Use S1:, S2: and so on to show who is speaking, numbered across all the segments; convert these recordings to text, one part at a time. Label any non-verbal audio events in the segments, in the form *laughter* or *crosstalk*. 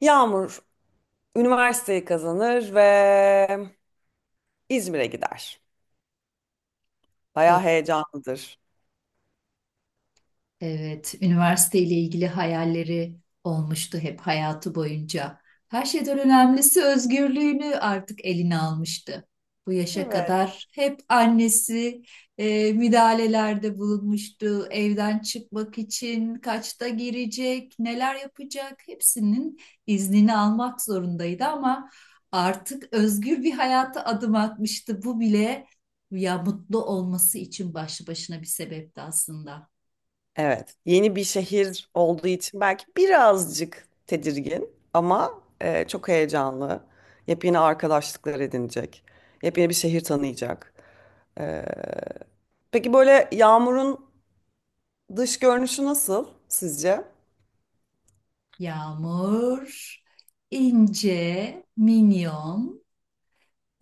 S1: Yağmur üniversiteyi kazanır ve İzmir'e gider. Bayağı
S2: Ee,
S1: heyecanlıdır.
S2: Evet, üniversiteyle ilgili hayalleri olmuştu hep hayatı boyunca. Her şeyden önemlisi özgürlüğünü artık eline almıştı. Bu yaşa
S1: Evet.
S2: kadar hep annesi müdahalelerde bulunmuştu. Evden çıkmak için kaçta girecek, neler yapacak hepsinin iznini almak zorundaydı ama artık özgür bir hayata adım atmıştı. Bu bile ya mutlu olması için başlı başına bir sebepti aslında.
S1: Evet. Yeni bir şehir olduğu için belki birazcık tedirgin ama çok heyecanlı. Yepyeni arkadaşlıklar edinecek. Yepyeni bir şehir tanıyacak. E, peki böyle Yağmur'un dış görünüşü nasıl sizce?
S2: Yağmur, ince, minyon.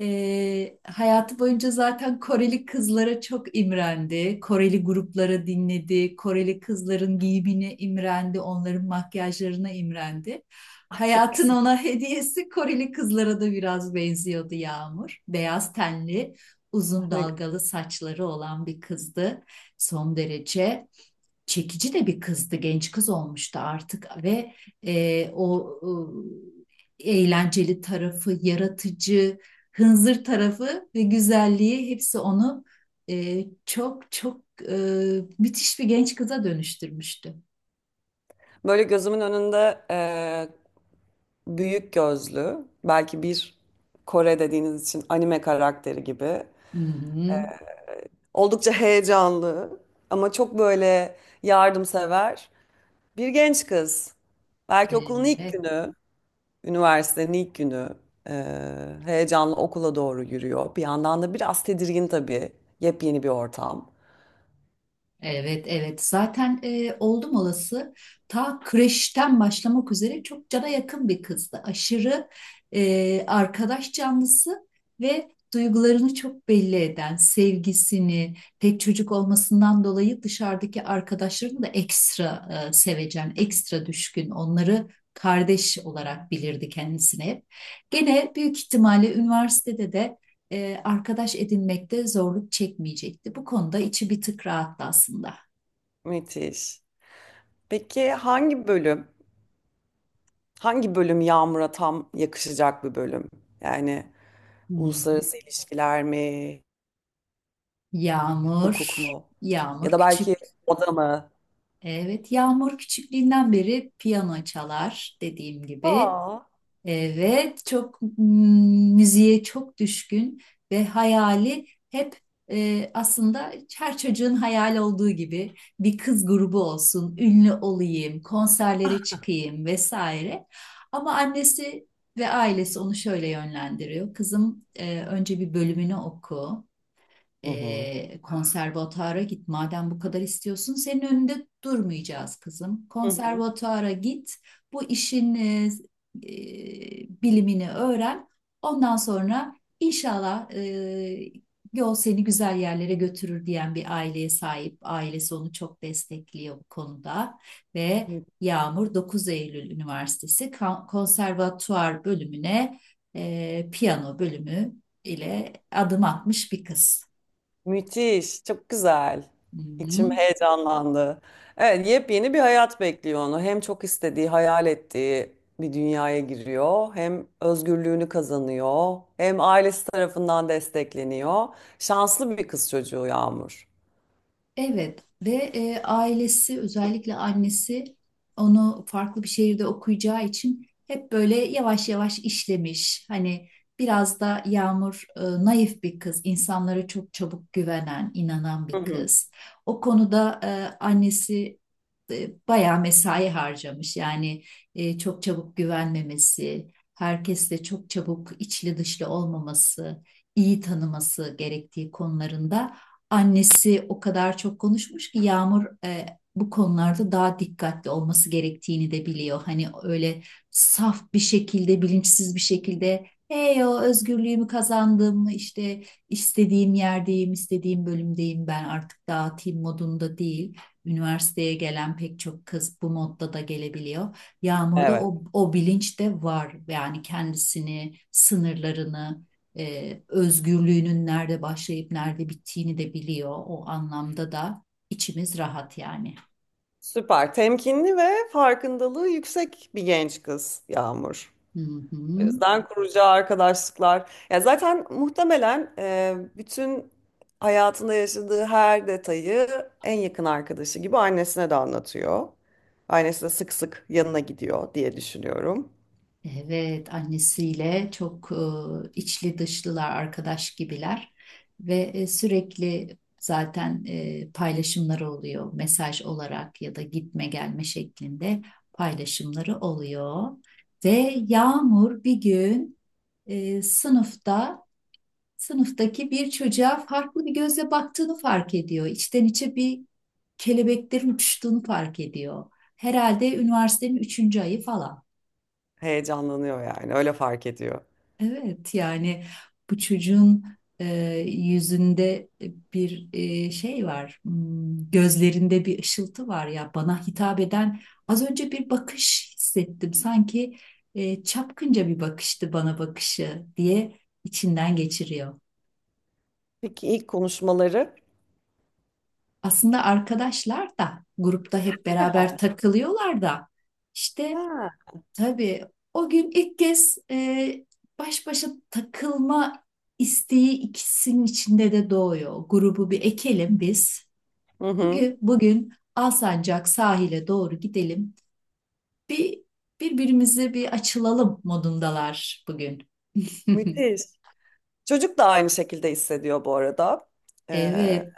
S2: Hayatı boyunca zaten Koreli kızlara çok imrendi. Koreli gruplara dinledi. Koreli kızların giyimine imrendi. Onların makyajlarına imrendi.
S1: Ah, çok
S2: Hayatın
S1: güzel.
S2: ona *laughs* hediyesi Koreli kızlara da biraz benziyordu Yağmur. Beyaz tenli, uzun
S1: Ne-
S2: dalgalı saçları olan bir kızdı. Son derece çekici de bir kızdı, genç kız olmuştu artık ve e, o eğlenceli tarafı, yaratıcı, hınzır tarafı ve güzelliği hepsi onu çok çok e, müthiş bir genç kıza dönüştürmüştü.
S1: Böyle gözümün önünde büyük gözlü, belki bir Kore dediğiniz için anime karakteri gibi.
S2: Hı hı.
S1: Oldukça heyecanlı ama çok böyle yardımsever bir genç kız. Belki okulun ilk
S2: Evet.
S1: günü, üniversitenin ilk günü heyecanlı okula doğru yürüyor. Bir yandan da biraz tedirgin tabii. Yepyeni bir ortam.
S2: Evet, evet. Zaten oldum olası ta kreşten başlamak üzere çok cana yakın bir kızdı. Aşırı arkadaş canlısı ve duygularını çok belli eden, sevgisini, tek çocuk olmasından dolayı dışarıdaki arkadaşlarını da ekstra sevecen, ekstra düşkün, onları kardeş olarak bilirdi kendisine hep. Gene büyük ihtimalle üniversitede de arkadaş edinmekte zorluk çekmeyecekti. Bu konuda içi bir tık rahattı aslında.
S1: Müthiş. Peki hangi bölüm, hangi bölüm Yağmur'a tam yakışacak bir bölüm? Yani
S2: Hmm.
S1: uluslararası ilişkiler mi?
S2: Yağmur,
S1: Hukuk mu? Ya
S2: Yağmur
S1: da belki
S2: küçük.
S1: moda mı?
S2: Evet, Yağmur küçüklüğünden beri piyano çalar dediğim gibi.
S1: Aa,
S2: Evet, çok müziğe çok düşkün ve hayali hep aslında her çocuğun hayal olduğu gibi bir kız grubu olsun, ünlü olayım, konserlere çıkayım vesaire. Ama annesi ve ailesi onu şöyle yönlendiriyor. Kızım önce bir bölümünü oku
S1: hı hı.
S2: konservatuara git. Madem bu kadar istiyorsun, senin önünde durmayacağız kızım.
S1: Hı hı.
S2: Konservatuara git. Bu işin bilimini öğren. Ondan sonra inşallah yol seni güzel yerlere götürür diyen bir aileye sahip. Ailesi onu çok destekliyor bu konuda ve
S1: Mü-
S2: Yağmur Dokuz Eylül Üniversitesi Konservatuar bölümüne piyano bölümü ile adım atmış bir kız.
S1: Müthiş, çok güzel.
S2: Hı
S1: İçim
S2: hı.
S1: heyecanlandı. Evet, yepyeni bir hayat bekliyor onu. Hem çok istediği, hayal ettiği bir dünyaya giriyor, hem özgürlüğünü kazanıyor, hem ailesi tarafından destekleniyor. Şanslı bir kız çocuğu Yağmur.
S2: Evet ve ailesi özellikle annesi onu farklı bir şehirde okuyacağı için hep böyle yavaş yavaş işlemiş. Hani biraz da Yağmur naif bir kız, insanlara çok çabuk güvenen, inanan
S1: Hı
S2: bir
S1: hı.
S2: kız. O konuda annesi bayağı mesai harcamış. Yani çok çabuk güvenmemesi, herkesle çok çabuk içli dışlı olmaması, iyi tanıması gerektiği konularında. Annesi o kadar çok konuşmuş ki Yağmur bu konularda daha dikkatli olması gerektiğini de biliyor. Hani öyle saf bir şekilde, bilinçsiz bir şekilde hey o özgürlüğümü kazandım, işte istediğim yerdeyim, istediğim bölümdeyim ben artık dağıtayım modunda değil. Üniversiteye gelen pek çok kız bu modda da gelebiliyor. Yağmur'da
S1: Evet,
S2: o bilinç de var. Yani kendisini, sınırlarını, özgürlüğünün nerede başlayıp nerede bittiğini de biliyor. O anlamda da içimiz rahat yani.
S1: süper. Temkinli ve farkındalığı yüksek bir genç kız Yağmur.
S2: Hı hı.
S1: O yüzden kuracağı arkadaşlıklar. Ya zaten muhtemelen bütün hayatında yaşadığı her detayı en yakın arkadaşı gibi annesine de anlatıyor. Annesi de sık sık yanına gidiyor diye düşünüyorum.
S2: Evet, annesiyle çok içli dışlılar, arkadaş gibiler ve sürekli zaten paylaşımları oluyor. Mesaj olarak ya da gitme gelme şeklinde paylaşımları oluyor. Ve Yağmur bir gün e, sınıfta sınıftaki bir çocuğa farklı bir gözle baktığını fark ediyor. İçten içe bir kelebeklerin uçuştuğunu fark ediyor. Herhalde üniversitenin üçüncü ayı falan.
S1: Heyecanlanıyor yani öyle fark ediyor.
S2: Evet yani bu çocuğun e, yüzünde bir şey var, gözlerinde bir ışıltı var ya bana hitap eden az önce bir bakış hissettim. Sanki çapkınca bir bakıştı bana bakışı diye içinden geçiriyor.
S1: Peki ilk konuşmaları?
S2: Aslında arkadaşlar da grupta hep
S1: Ha.
S2: beraber takılıyorlar da işte
S1: Ha.
S2: tabii o gün ilk kez baş başa takılma isteği ikisinin içinde de doğuyor. Grubu bir ekelim biz.
S1: Hı hı.
S2: Bugün Alsancak sahile doğru gidelim. Bir birbirimize bir açılalım modundalar bugün. *laughs*
S1: Müthiş. Çocuk da aynı şekilde hissediyor bu arada. Ee,
S2: Evet.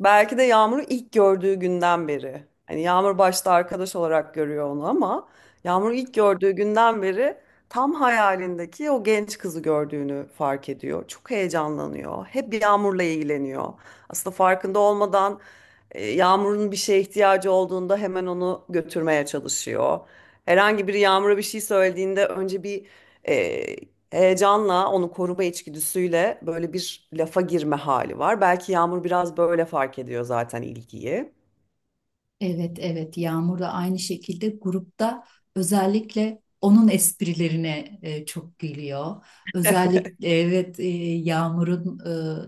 S1: Belki de Yağmur'u ilk gördüğü günden beri. Hani Yağmur başta arkadaş olarak görüyor onu ama Yağmur'u ilk gördüğü günden beri tam hayalindeki o genç kızı gördüğünü fark ediyor. Çok heyecanlanıyor. Hep Yağmur'la ilgileniyor. Aslında farkında olmadan Yağmur'un bir şeye ihtiyacı olduğunda hemen onu götürmeye çalışıyor. Herhangi biri Yağmur'a bir şey söylediğinde önce bir e, heyecanla onu koruma içgüdüsüyle böyle bir lafa girme hali var. Belki Yağmur biraz böyle fark ediyor zaten ilgiyi.
S2: Evet evet Yağmur da aynı şekilde grupta özellikle onun esprilerine çok gülüyor. Özellikle evet Yağmur'un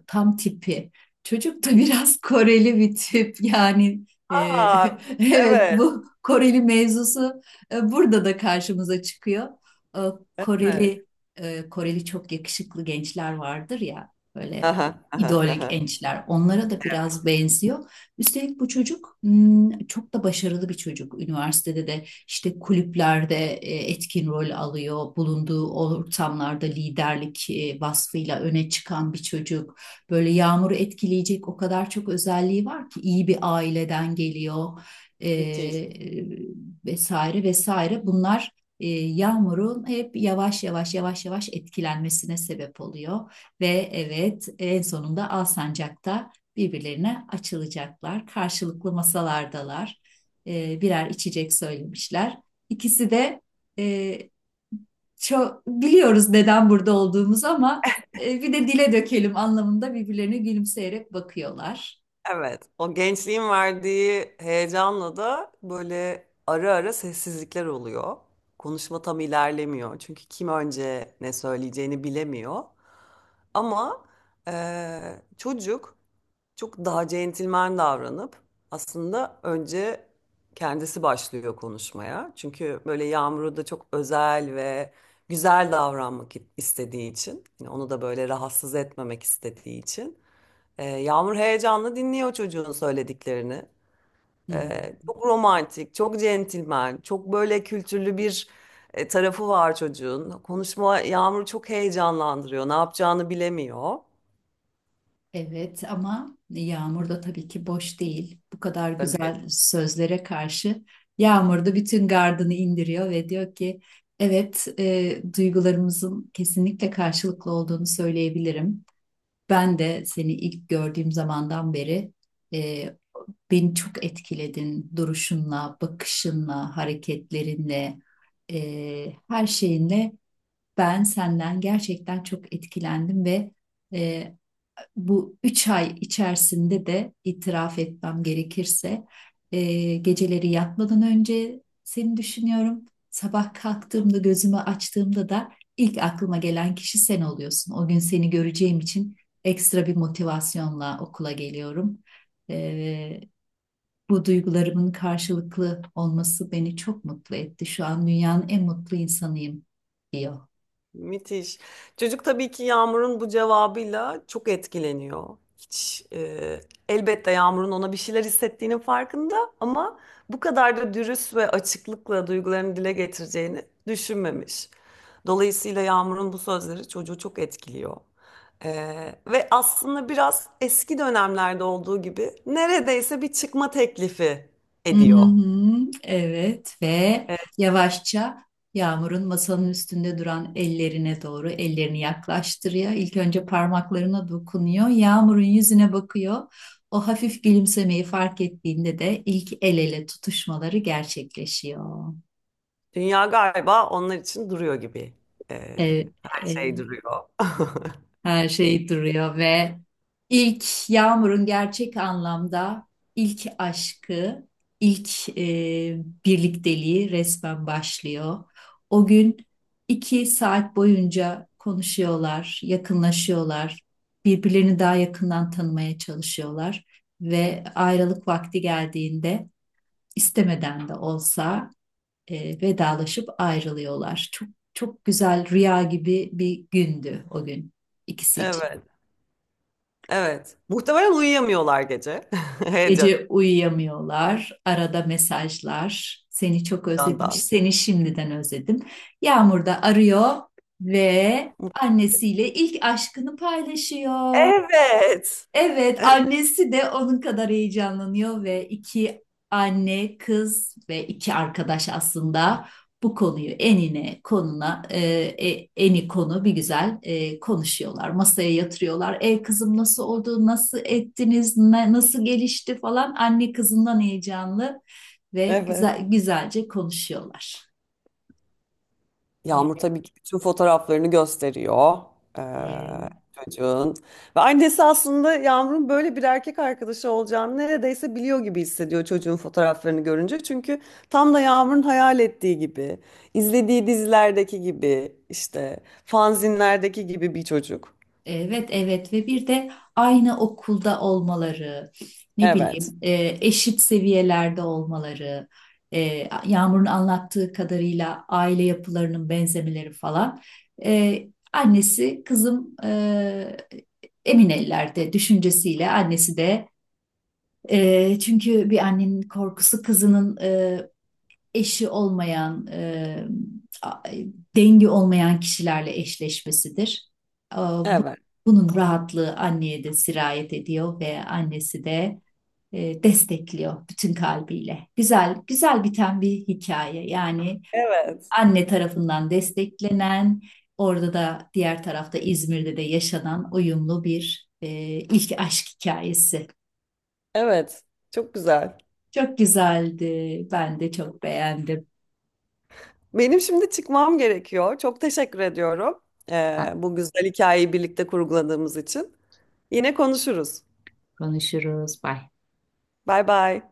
S2: tam tipi. Çocuk da *laughs* biraz Koreli bir tip yani e,
S1: Aa,
S2: *laughs* evet
S1: evet,
S2: bu Koreli mevzusu burada da karşımıza çıkıyor. E,
S1: evet.
S2: Koreli Koreli çok yakışıklı gençler vardır ya böyle
S1: Aha, aha,
S2: idol
S1: aha.
S2: gençler onlara da biraz benziyor. Üstelik bu çocuk çok da başarılı bir çocuk. Üniversitede de işte kulüplerde etkin rol alıyor. Bulunduğu ortamlarda liderlik vasfıyla öne çıkan bir çocuk. Böyle Yağmur'u etkileyecek o kadar çok özelliği var ki iyi bir aileden geliyor. E,
S1: Müthiş.
S2: vesaire vesaire. Bunlar Yağmur'un hep yavaş yavaş etkilenmesine sebep oluyor. Ve evet en sonunda Alsancak'ta birbirlerine açılacaklar. Karşılıklı masalardalar. Birer içecek söylemişler. İkisi de e, çok biliyoruz neden burada olduğumuzu ama bir de dile dökelim anlamında birbirlerine gülümseyerek bakıyorlar.
S1: Evet. O gençliğin verdiği heyecanla da böyle ara ara sessizlikler oluyor. Konuşma tam ilerlemiyor. Çünkü kim önce ne söyleyeceğini bilemiyor. Ama çocuk çok daha centilmen davranıp aslında önce kendisi başlıyor konuşmaya. Çünkü böyle Yağmur'u da çok özel ve güzel davranmak istediği için, yani onu da böyle rahatsız etmemek istediği için. Yağmur heyecanla dinliyor çocuğun söylediklerini.
S2: Hmm.
S1: Çok romantik, çok centilmen, çok böyle kültürlü bir tarafı var çocuğun. Konuşma Yağmur'u çok heyecanlandırıyor, ne yapacağını bilemiyor.
S2: Evet ama Yağmur da tabii ki boş değil. Bu kadar güzel sözlere karşı Yağmur da bütün gardını indiriyor ve diyor ki evet, duygularımızın kesinlikle karşılıklı olduğunu söyleyebilirim. Ben de seni ilk gördüğüm zamandan beri e, beni çok etkiledin duruşunla, bakışınla, hareketlerinle, her şeyinle ben senden gerçekten çok etkilendim ve e, bu üç ay içerisinde de itiraf etmem gerekirse geceleri yatmadan önce seni düşünüyorum. Sabah kalktığımda gözümü açtığımda da ilk aklıma gelen kişi sen oluyorsun. O gün seni göreceğim için ekstra bir motivasyonla okula geliyorum. E, Bu duygularımın karşılıklı olması beni çok mutlu etti. Şu an dünyanın en mutlu insanıyım diyor.
S1: Müthiş. Çocuk tabii ki Yağmur'un bu cevabıyla çok etkileniyor. Hiç elbette Yağmur'un ona bir şeyler hissettiğinin farkında ama bu kadar da dürüst ve açıklıkla duygularını dile getireceğini düşünmemiş. Dolayısıyla Yağmur'un bu sözleri çocuğu çok etkiliyor. E, Ve aslında biraz eski dönemlerde olduğu gibi neredeyse bir çıkma teklifi
S2: Hı
S1: ediyor.
S2: hı, evet ve
S1: E,
S2: yavaşça Yağmur'un masanın üstünde duran ellerine doğru ellerini yaklaştırıyor. İlk önce parmaklarına dokunuyor. Yağmur'un yüzüne bakıyor. O hafif gülümsemeyi fark ettiğinde de ilk el ele tutuşmaları gerçekleşiyor.
S1: Dünya galiba onlar için duruyor gibi e,
S2: Evet,
S1: şey duruyor. *laughs*
S2: her şey duruyor ve ilk Yağmur'un gerçek anlamda ilk aşkı, ilk birlikteliği resmen başlıyor. O gün iki saat boyunca konuşuyorlar, yakınlaşıyorlar, birbirlerini daha yakından tanımaya çalışıyorlar ve ayrılık vakti geldiğinde istemeden de olsa vedalaşıp ayrılıyorlar. Çok çok güzel rüya gibi bir gündü o gün ikisi için.
S1: Evet, evet. Muhtemelen uyuyamıyorlar gece *laughs*
S2: Gece uyuyamıyorlar, arada mesajlar. Seni çok özledim,
S1: heyecandan.
S2: seni şimdiden özledim. Yağmur da arıyor ve annesiyle ilk aşkını paylaşıyor.
S1: Evet.
S2: Evet, annesi de onun kadar heyecanlanıyor ve iki anne, kız ve iki arkadaş aslında bu konuyu eni konu bir güzel konuşuyorlar. Masaya yatırıyorlar. E kızım nasıl oldu? Nasıl ettiniz? Nasıl gelişti falan. Anne kızından heyecanlı ve
S1: Evet.
S2: güzel güzelce konuşuyorlar.
S1: Yağmur tabii ki bütün fotoğraflarını gösteriyor eee,
S2: E,
S1: çocuğun. Ve annesi aslında Yağmur'un böyle bir erkek arkadaşı olacağını neredeyse biliyor gibi hissediyor çocuğun fotoğraflarını görünce. Çünkü tam da Yağmur'un hayal ettiği gibi, izlediği dizilerdeki gibi, işte fanzinlerdeki gibi bir çocuk.
S2: Evet, evet ve bir de aynı okulda olmaları, ne
S1: Evet,
S2: bileyim eşit seviyelerde olmaları, e, Yağmur'un anlattığı kadarıyla aile yapılarının benzemeleri falan. E, Annesi kızım emin ellerde düşüncesiyle annesi de çünkü bir annenin korkusu kızının eşi olmayan, a- dengi olmayan kişilerle eşleşmesidir. E, bu-
S1: evet,
S2: Bunun rahatlığı anneye de sirayet ediyor ve annesi de destekliyor bütün kalbiyle. Güzel, güzel biten bir hikaye. Yani
S1: evet.
S2: anne tarafından desteklenen, orada da diğer tarafta İzmir'de de yaşanan uyumlu bir ilk aşk hikayesi.
S1: Evet, çok güzel.
S2: Çok güzeldi. Ben de çok beğendim.
S1: Benim şimdi çıkmam gerekiyor. Çok teşekkür ediyorum. Bu güzel hikayeyi birlikte kurguladığımız için. Yine konuşuruz.
S2: Konuşuruz. Bye.
S1: Bay bay.